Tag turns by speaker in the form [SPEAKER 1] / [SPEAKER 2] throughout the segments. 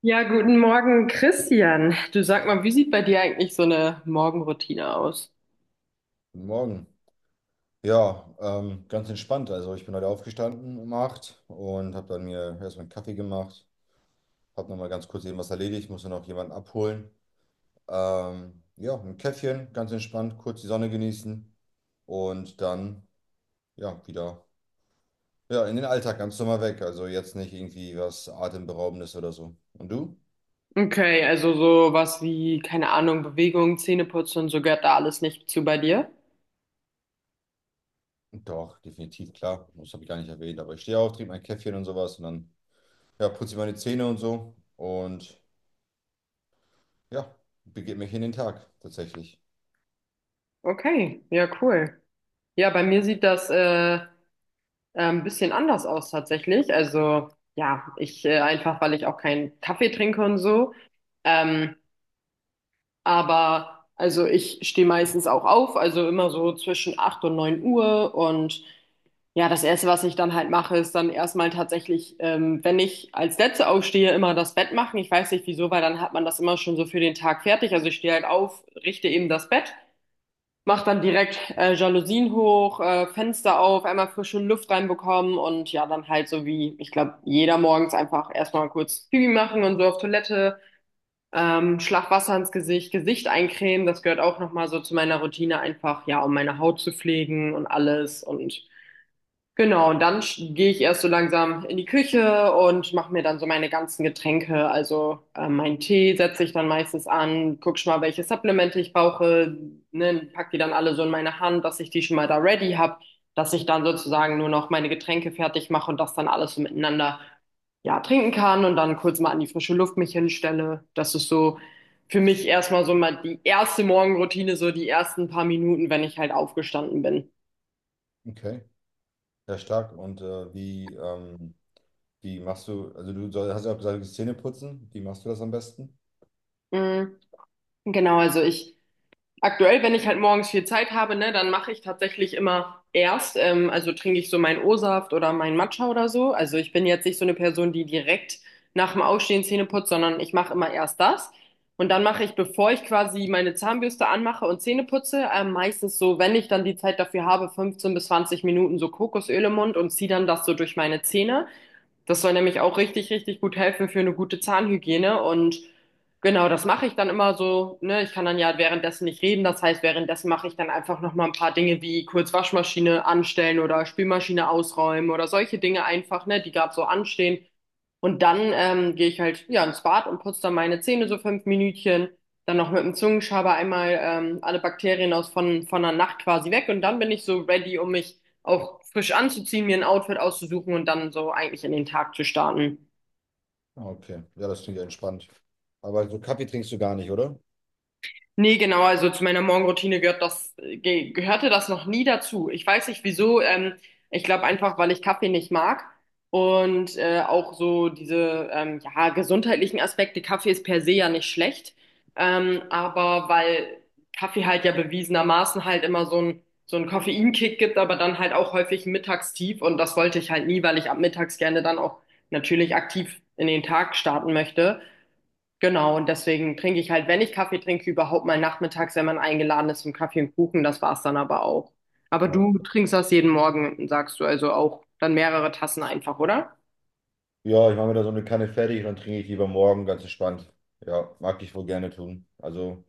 [SPEAKER 1] Ja, guten Morgen, Christian. Du sag mal, wie sieht bei dir eigentlich so eine Morgenroutine aus?
[SPEAKER 2] Guten Morgen. Ja, ganz entspannt. Also ich bin heute aufgestanden um 8 und habe dann mir erstmal einen Kaffee gemacht. Habe nochmal ganz kurz eben was erledigt, musste noch jemanden abholen. Ja, ein Käffchen, ganz entspannt, kurz die Sonne genießen und dann ja wieder ja, in den Alltag ganz normal weg. Also jetzt nicht irgendwie was Atemberaubendes oder so. Und du?
[SPEAKER 1] Okay, also so was wie, keine Ahnung, Bewegung, Zähneputzen, so gehört da alles nicht zu bei dir?
[SPEAKER 2] Doch, definitiv, klar. Das habe ich gar nicht erwähnt, aber ich stehe auf, trinke mein Käffchen und sowas und dann ja, putze ich meine Zähne und so und ja, begebe mich in den Tag tatsächlich.
[SPEAKER 1] Okay, ja, cool. Ja, bei mir sieht das ein bisschen anders aus tatsächlich. Also ja, ich einfach, weil ich auch keinen Kaffee trinke und so. Ähm, aber also ich stehe meistens auch auf, also immer so zwischen 8 und 9 Uhr und ja, das Erste, was ich dann halt mache, ist dann erstmal tatsächlich, wenn ich als Letzte aufstehe, immer das Bett machen. Ich weiß nicht wieso, weil dann hat man das immer schon so für den Tag fertig. Also ich stehe halt auf, richte eben das Bett, mache dann direkt Jalousien hoch, Fenster auf, einmal frische Luft reinbekommen und ja, dann halt so wie, ich glaube, jeder morgens einfach erstmal kurz Pipi machen und so auf Toilette, Schlag Wasser ins Gesicht, Gesicht eincremen. Das gehört auch nochmal so zu meiner Routine einfach, ja, um meine Haut zu pflegen und alles. Und genau, und dann gehe ich erst so langsam in die Küche und mache mir dann so meine ganzen Getränke. Also meinen Tee setze ich dann meistens an, guck schon mal, welche Supplemente ich brauche, ne, pack die dann alle so in meine Hand, dass ich die schon mal da ready habe, dass ich dann sozusagen nur noch meine Getränke fertig mache und das dann alles so miteinander, ja, trinken kann und dann kurz mal an die frische Luft mich hinstelle. Das ist so für mich erstmal so mal die erste Morgenroutine, so die ersten paar Minuten, wenn ich halt aufgestanden bin.
[SPEAKER 2] Okay, sehr stark. Und wie, wie machst du, also hast ja auch gesagt, Zähne putzen. Wie machst du das am besten?
[SPEAKER 1] Mm, genau, also ich aktuell, wenn ich halt morgens viel Zeit habe, ne, dann mache ich tatsächlich immer erst, also trinke ich so meinen O-Saft oder meinen Matcha oder so. Also ich bin jetzt nicht so eine Person, die direkt nach dem Aufstehen Zähne putzt, sondern ich mache immer erst das. Und dann mache ich, bevor ich quasi meine Zahnbürste anmache und Zähne putze, meistens so, wenn ich dann die Zeit dafür habe, 15 bis 20 Minuten so Kokosöl im Mund und ziehe dann das so durch meine Zähne. Das soll nämlich auch richtig, richtig gut helfen für eine gute Zahnhygiene. Und genau, das mache ich dann immer so. Ne? Ich kann dann ja währenddessen nicht reden. Das heißt, währenddessen mache ich dann einfach nochmal ein paar Dinge, wie kurz Waschmaschine anstellen oder Spülmaschine ausräumen oder solche Dinge einfach, ne, die gerade so anstehen. Und dann gehe ich halt ja ins Bad und putze dann meine Zähne so fünf Minütchen. Dann noch mit dem Zungenschaber einmal alle Bakterien aus von der Nacht quasi weg. Und dann bin ich so ready, um mich auch frisch anzuziehen, mir ein Outfit auszusuchen und dann so eigentlich in den Tag zu starten.
[SPEAKER 2] Ah, okay, ja, das klingt ja entspannt. Aber so Kaffee trinkst du gar nicht, oder?
[SPEAKER 1] Nee, genau, also zu meiner Morgenroutine gehört das, ge gehörte das noch nie dazu. Ich weiß nicht wieso, ich glaube einfach, weil ich Kaffee nicht mag und auch so diese, ja, gesundheitlichen Aspekte. Kaffee ist per se ja nicht schlecht, aber weil Kaffee halt ja bewiesenermaßen halt immer so einen Koffeinkick gibt, aber dann halt auch häufig ein Mittagstief, und das wollte ich halt nie, weil ich ab mittags gerne dann auch natürlich aktiv in den Tag starten möchte. Genau, und deswegen trinke ich halt, wenn ich Kaffee trinke, überhaupt mal nachmittags, wenn man eingeladen ist zum Kaffee und Kuchen, das war's dann aber auch. Aber du
[SPEAKER 2] Okay.
[SPEAKER 1] trinkst das jeden Morgen, sagst du, also auch dann mehrere Tassen einfach, oder?
[SPEAKER 2] Ja, ich mache mir da so eine Kanne fertig und dann trinke ich lieber morgen ganz entspannt. Ja, mag ich wohl gerne tun. Also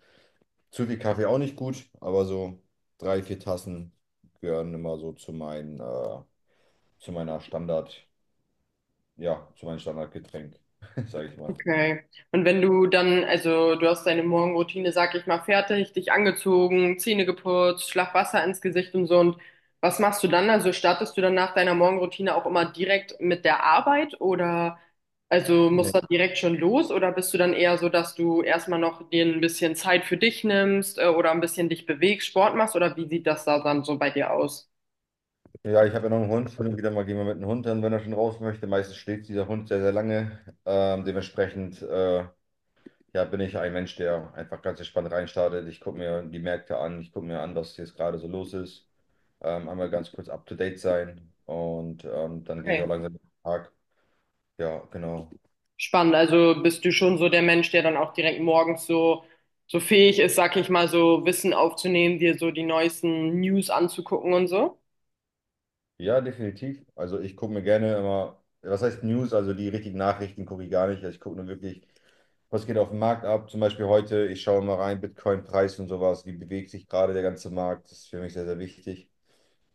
[SPEAKER 2] zu viel Kaffee auch nicht gut, aber so drei, vier Tassen gehören immer so zu meinen, zu meiner Standard, ja, zu meinem Standardgetränk, sage ich mal.
[SPEAKER 1] Okay. Und wenn du dann, also du hast deine Morgenroutine, sag ich mal, fertig, dich angezogen, Zähne geputzt, Schlag Wasser ins Gesicht und so. Und was machst du dann? Also startest du dann nach deiner Morgenroutine auch immer direkt mit der Arbeit oder, also musst du direkt schon los oder bist du dann eher so, dass du erstmal noch dir ein bisschen Zeit für dich nimmst, oder ein bisschen dich bewegst, Sport machst, oder wie sieht das da dann so bei dir aus?
[SPEAKER 2] Ja, ich habe ja noch einen Hund. Hin und wieder mal gehen wir mit dem Hund dann, wenn er schon raus möchte. Meistens schläft dieser Hund sehr, sehr lange. Dementsprechend ja, bin ich ein Mensch, der einfach ganz entspannt reinstartet. Ich gucke mir die Märkte an, ich gucke mir an, was jetzt gerade so los ist. Einmal ganz kurz up to date sein und dann gehe ich auch
[SPEAKER 1] Okay.
[SPEAKER 2] langsam in den Tag. Ja, genau.
[SPEAKER 1] Spannend. Also bist du schon so der Mensch, der dann auch direkt morgens so, so fähig ist, sag ich mal, so Wissen aufzunehmen, dir so die neuesten News anzugucken und so?
[SPEAKER 2] Ja, definitiv. Also ich gucke mir gerne immer, was heißt News, also die richtigen Nachrichten gucke ich gar nicht. Also ich gucke nur wirklich, was geht auf dem Markt ab. Zum Beispiel heute, ich schaue mal rein, Bitcoin-Preis und sowas, wie bewegt sich gerade der ganze Markt. Das ist für mich sehr, sehr wichtig.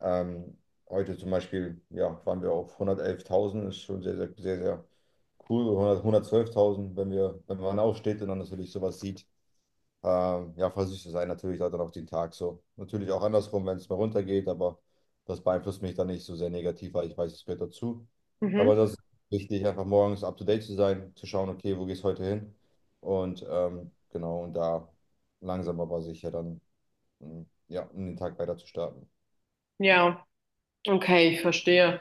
[SPEAKER 2] Ähm, heute zum Beispiel, ja, waren wir auf 111.000, ist schon sehr, sehr, sehr, sehr cool. 100, 112.000, wenn wir, wenn man aufsteht und dann natürlich sowas sieht. Ja, voll süß zu sein, natürlich halt dann auch den Tag so. Natürlich auch andersrum, wenn es mal runtergeht, aber das beeinflusst mich dann nicht so sehr negativ, weil ich weiß, es gehört dazu.
[SPEAKER 1] Mhm.
[SPEAKER 2] Aber das ist wichtig, einfach morgens up to date zu sein, zu schauen, okay, wo geht's heute hin? Und genau, und da langsam aber sicher dann, ja, um den Tag weiter zu starten.
[SPEAKER 1] Ja, okay, ich verstehe.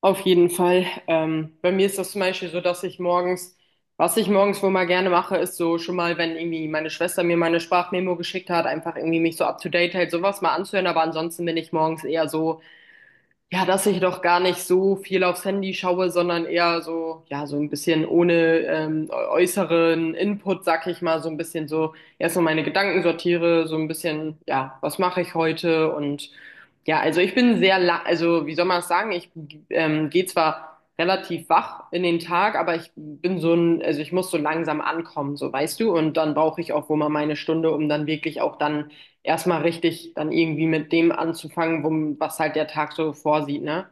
[SPEAKER 1] Auf jeden Fall. Bei mir ist das zum Beispiel so, dass ich morgens, was ich morgens wohl mal gerne mache, ist so schon mal, wenn irgendwie meine Schwester mir meine Sprachmemo geschickt hat, einfach irgendwie mich so up to date hält, sowas mal anzuhören. Aber ansonsten bin ich morgens eher so, ja, dass ich doch gar nicht so viel aufs Handy schaue, sondern eher so, ja, so ein bisschen ohne äußeren Input, sag ich mal, so ein bisschen so erstmal meine Gedanken sortiere, so ein bisschen, ja, was mache ich heute, und ja, also ich bin sehr, la also wie soll man es sagen, ich gehe zwar relativ wach in den Tag, aber ich bin so ein, also ich muss so langsam ankommen, so, weißt du, und dann brauche ich auch wohl mal meine Stunde, um dann wirklich auch dann erstmal richtig dann irgendwie mit dem anzufangen, wo, was halt der Tag so vorsieht, ne?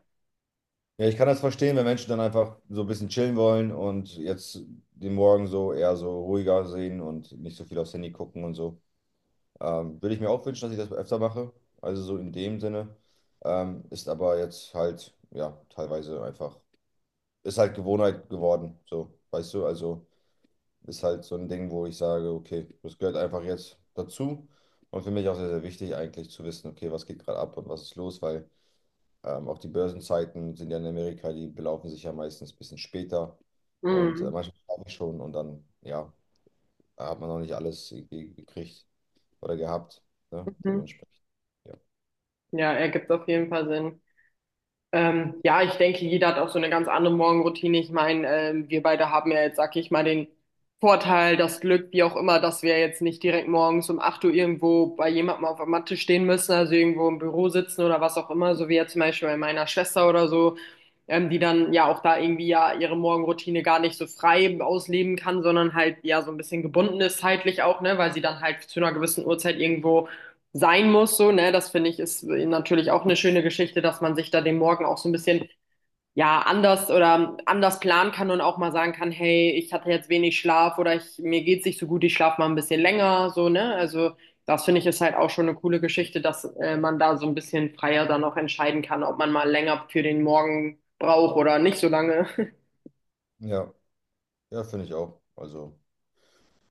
[SPEAKER 2] Ja, ich kann das verstehen, wenn Menschen dann einfach so ein bisschen chillen wollen und jetzt den Morgen so eher so ruhiger sehen und nicht so viel aufs Handy gucken und so. Würde ich mir auch wünschen, dass ich das öfter mache. Also so in dem Sinne. Ist aber jetzt halt, ja, teilweise einfach, ist halt Gewohnheit geworden. So, weißt du, also ist halt so ein Ding, wo ich sage, okay, das gehört einfach jetzt dazu. Und für mich auch sehr, sehr wichtig eigentlich zu wissen, okay, was geht gerade ab und was ist los, weil auch die Börsenzeiten sind ja in Amerika, die belaufen sich ja meistens ein bisschen später. Und
[SPEAKER 1] Mhm.
[SPEAKER 2] manchmal schlafe ich schon und dann, ja, hat man noch nicht alles irgendwie gekriegt oder gehabt, ne?
[SPEAKER 1] Mhm.
[SPEAKER 2] Dementsprechend.
[SPEAKER 1] Ja, ergibt auf jeden Fall Sinn. Ja, ich denke, jeder hat auch so eine ganz andere Morgenroutine. Ich meine, wir beide haben ja jetzt, sag ich mal, den Vorteil, das Glück, wie auch immer, dass wir jetzt nicht direkt morgens um 8 Uhr irgendwo bei jemandem auf der Matte stehen müssen, also irgendwo im Büro sitzen oder was auch immer, so wie jetzt zum Beispiel bei meiner Schwester oder so, die dann ja auch da irgendwie ja ihre Morgenroutine gar nicht so frei ausleben kann, sondern halt ja so ein bisschen gebunden ist zeitlich auch, ne, weil sie dann halt zu einer gewissen Uhrzeit irgendwo sein muss, so, ne, das finde ich ist natürlich auch eine schöne Geschichte, dass man sich da den Morgen auch so ein bisschen, ja, anders oder anders planen kann und auch mal sagen kann, hey, ich hatte jetzt wenig Schlaf oder ich, mir geht's nicht so gut, ich schlafe mal ein bisschen länger, so, ne, also das finde ich ist halt auch schon eine coole Geschichte, dass man da so ein bisschen freier dann auch entscheiden kann, ob man mal länger für den Morgen braucht oder nicht so lange.
[SPEAKER 2] Ja, ja, finde ich auch. Also,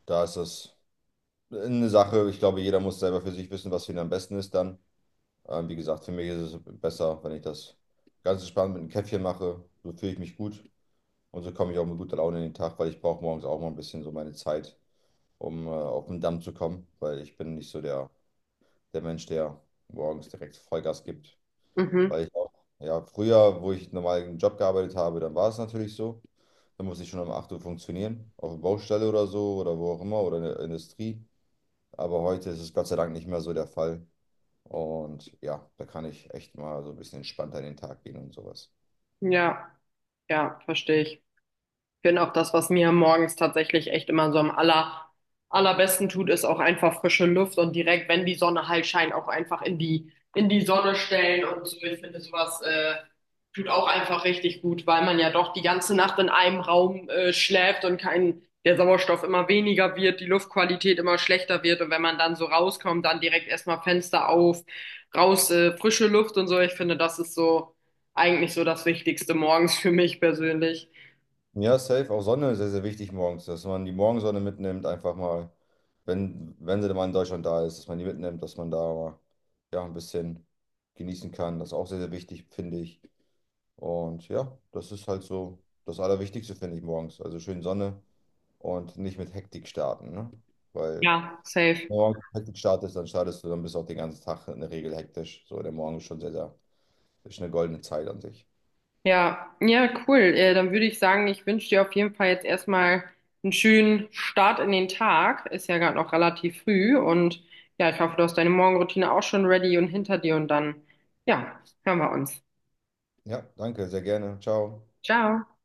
[SPEAKER 2] da ist das eine Sache. Ich glaube, jeder muss selber für sich wissen, was für ihn am besten ist dann. Wie gesagt, für mich ist es besser, wenn ich das ganz entspannt mit einem Käffchen mache. So fühle ich mich gut und so komme ich auch mit guter Laune in den Tag, weil ich brauche morgens auch mal ein bisschen so meine Zeit, um auf den Damm zu kommen, weil ich bin nicht so der, der Mensch, der morgens direkt Vollgas gibt.
[SPEAKER 1] Mhm.
[SPEAKER 2] Weil ich auch, ja, früher, wo ich normal einen Job gearbeitet habe, dann war es natürlich so. Da muss ich schon um 8 Uhr funktionieren, auf der Baustelle oder so oder wo auch immer oder in der Industrie. Aber heute ist es Gott sei Dank nicht mehr so der Fall. Und ja, da kann ich echt mal so ein bisschen entspannter in den Tag gehen und sowas.
[SPEAKER 1] Ja, ja, verstehe ich. Ich finde auch das, was mir morgens tatsächlich echt immer so am allerbesten tut, ist auch einfach frische Luft und direkt, wenn die Sonne halt scheint, auch einfach in die Sonne stellen und so. Ich finde sowas, tut auch einfach richtig gut, weil man ja doch die ganze Nacht in einem Raum, schläft und kein, der Sauerstoff immer weniger wird, die Luftqualität immer schlechter wird, und wenn man dann so rauskommt, dann direkt erstmal Fenster auf, raus, frische Luft und so. Ich finde, das ist so eigentlich so das Wichtigste morgens für mich persönlich.
[SPEAKER 2] Ja, safe. Auch Sonne ist sehr, sehr wichtig morgens, dass man die Morgensonne mitnimmt, einfach mal, wenn sie dann mal in Deutschland da ist, dass man die mitnimmt, dass man da mal, ja, ein bisschen genießen kann. Das ist auch sehr, sehr wichtig, finde ich. Und ja, das ist halt so das Allerwichtigste, finde ich, morgens. Also schön Sonne. Und nicht mit Hektik starten, ne? Weil wenn
[SPEAKER 1] Ja, safe.
[SPEAKER 2] du morgens mit Hektik startest, dann startest du, dann bist du auch den ganzen Tag in der Regel hektisch. So, der Morgen ist schon sehr, sehr, ist eine goldene Zeit an sich.
[SPEAKER 1] Ja, ja, cool. Dann würde ich sagen, ich wünsche dir auf jeden Fall jetzt erstmal einen schönen Start in den Tag. Ist ja gerade noch relativ früh, und ja, ich hoffe, du hast deine Morgenroutine auch schon ready und hinter dir, und dann, ja, hören wir uns.
[SPEAKER 2] Ja, danke, sehr gerne. Ciao.
[SPEAKER 1] Ciao.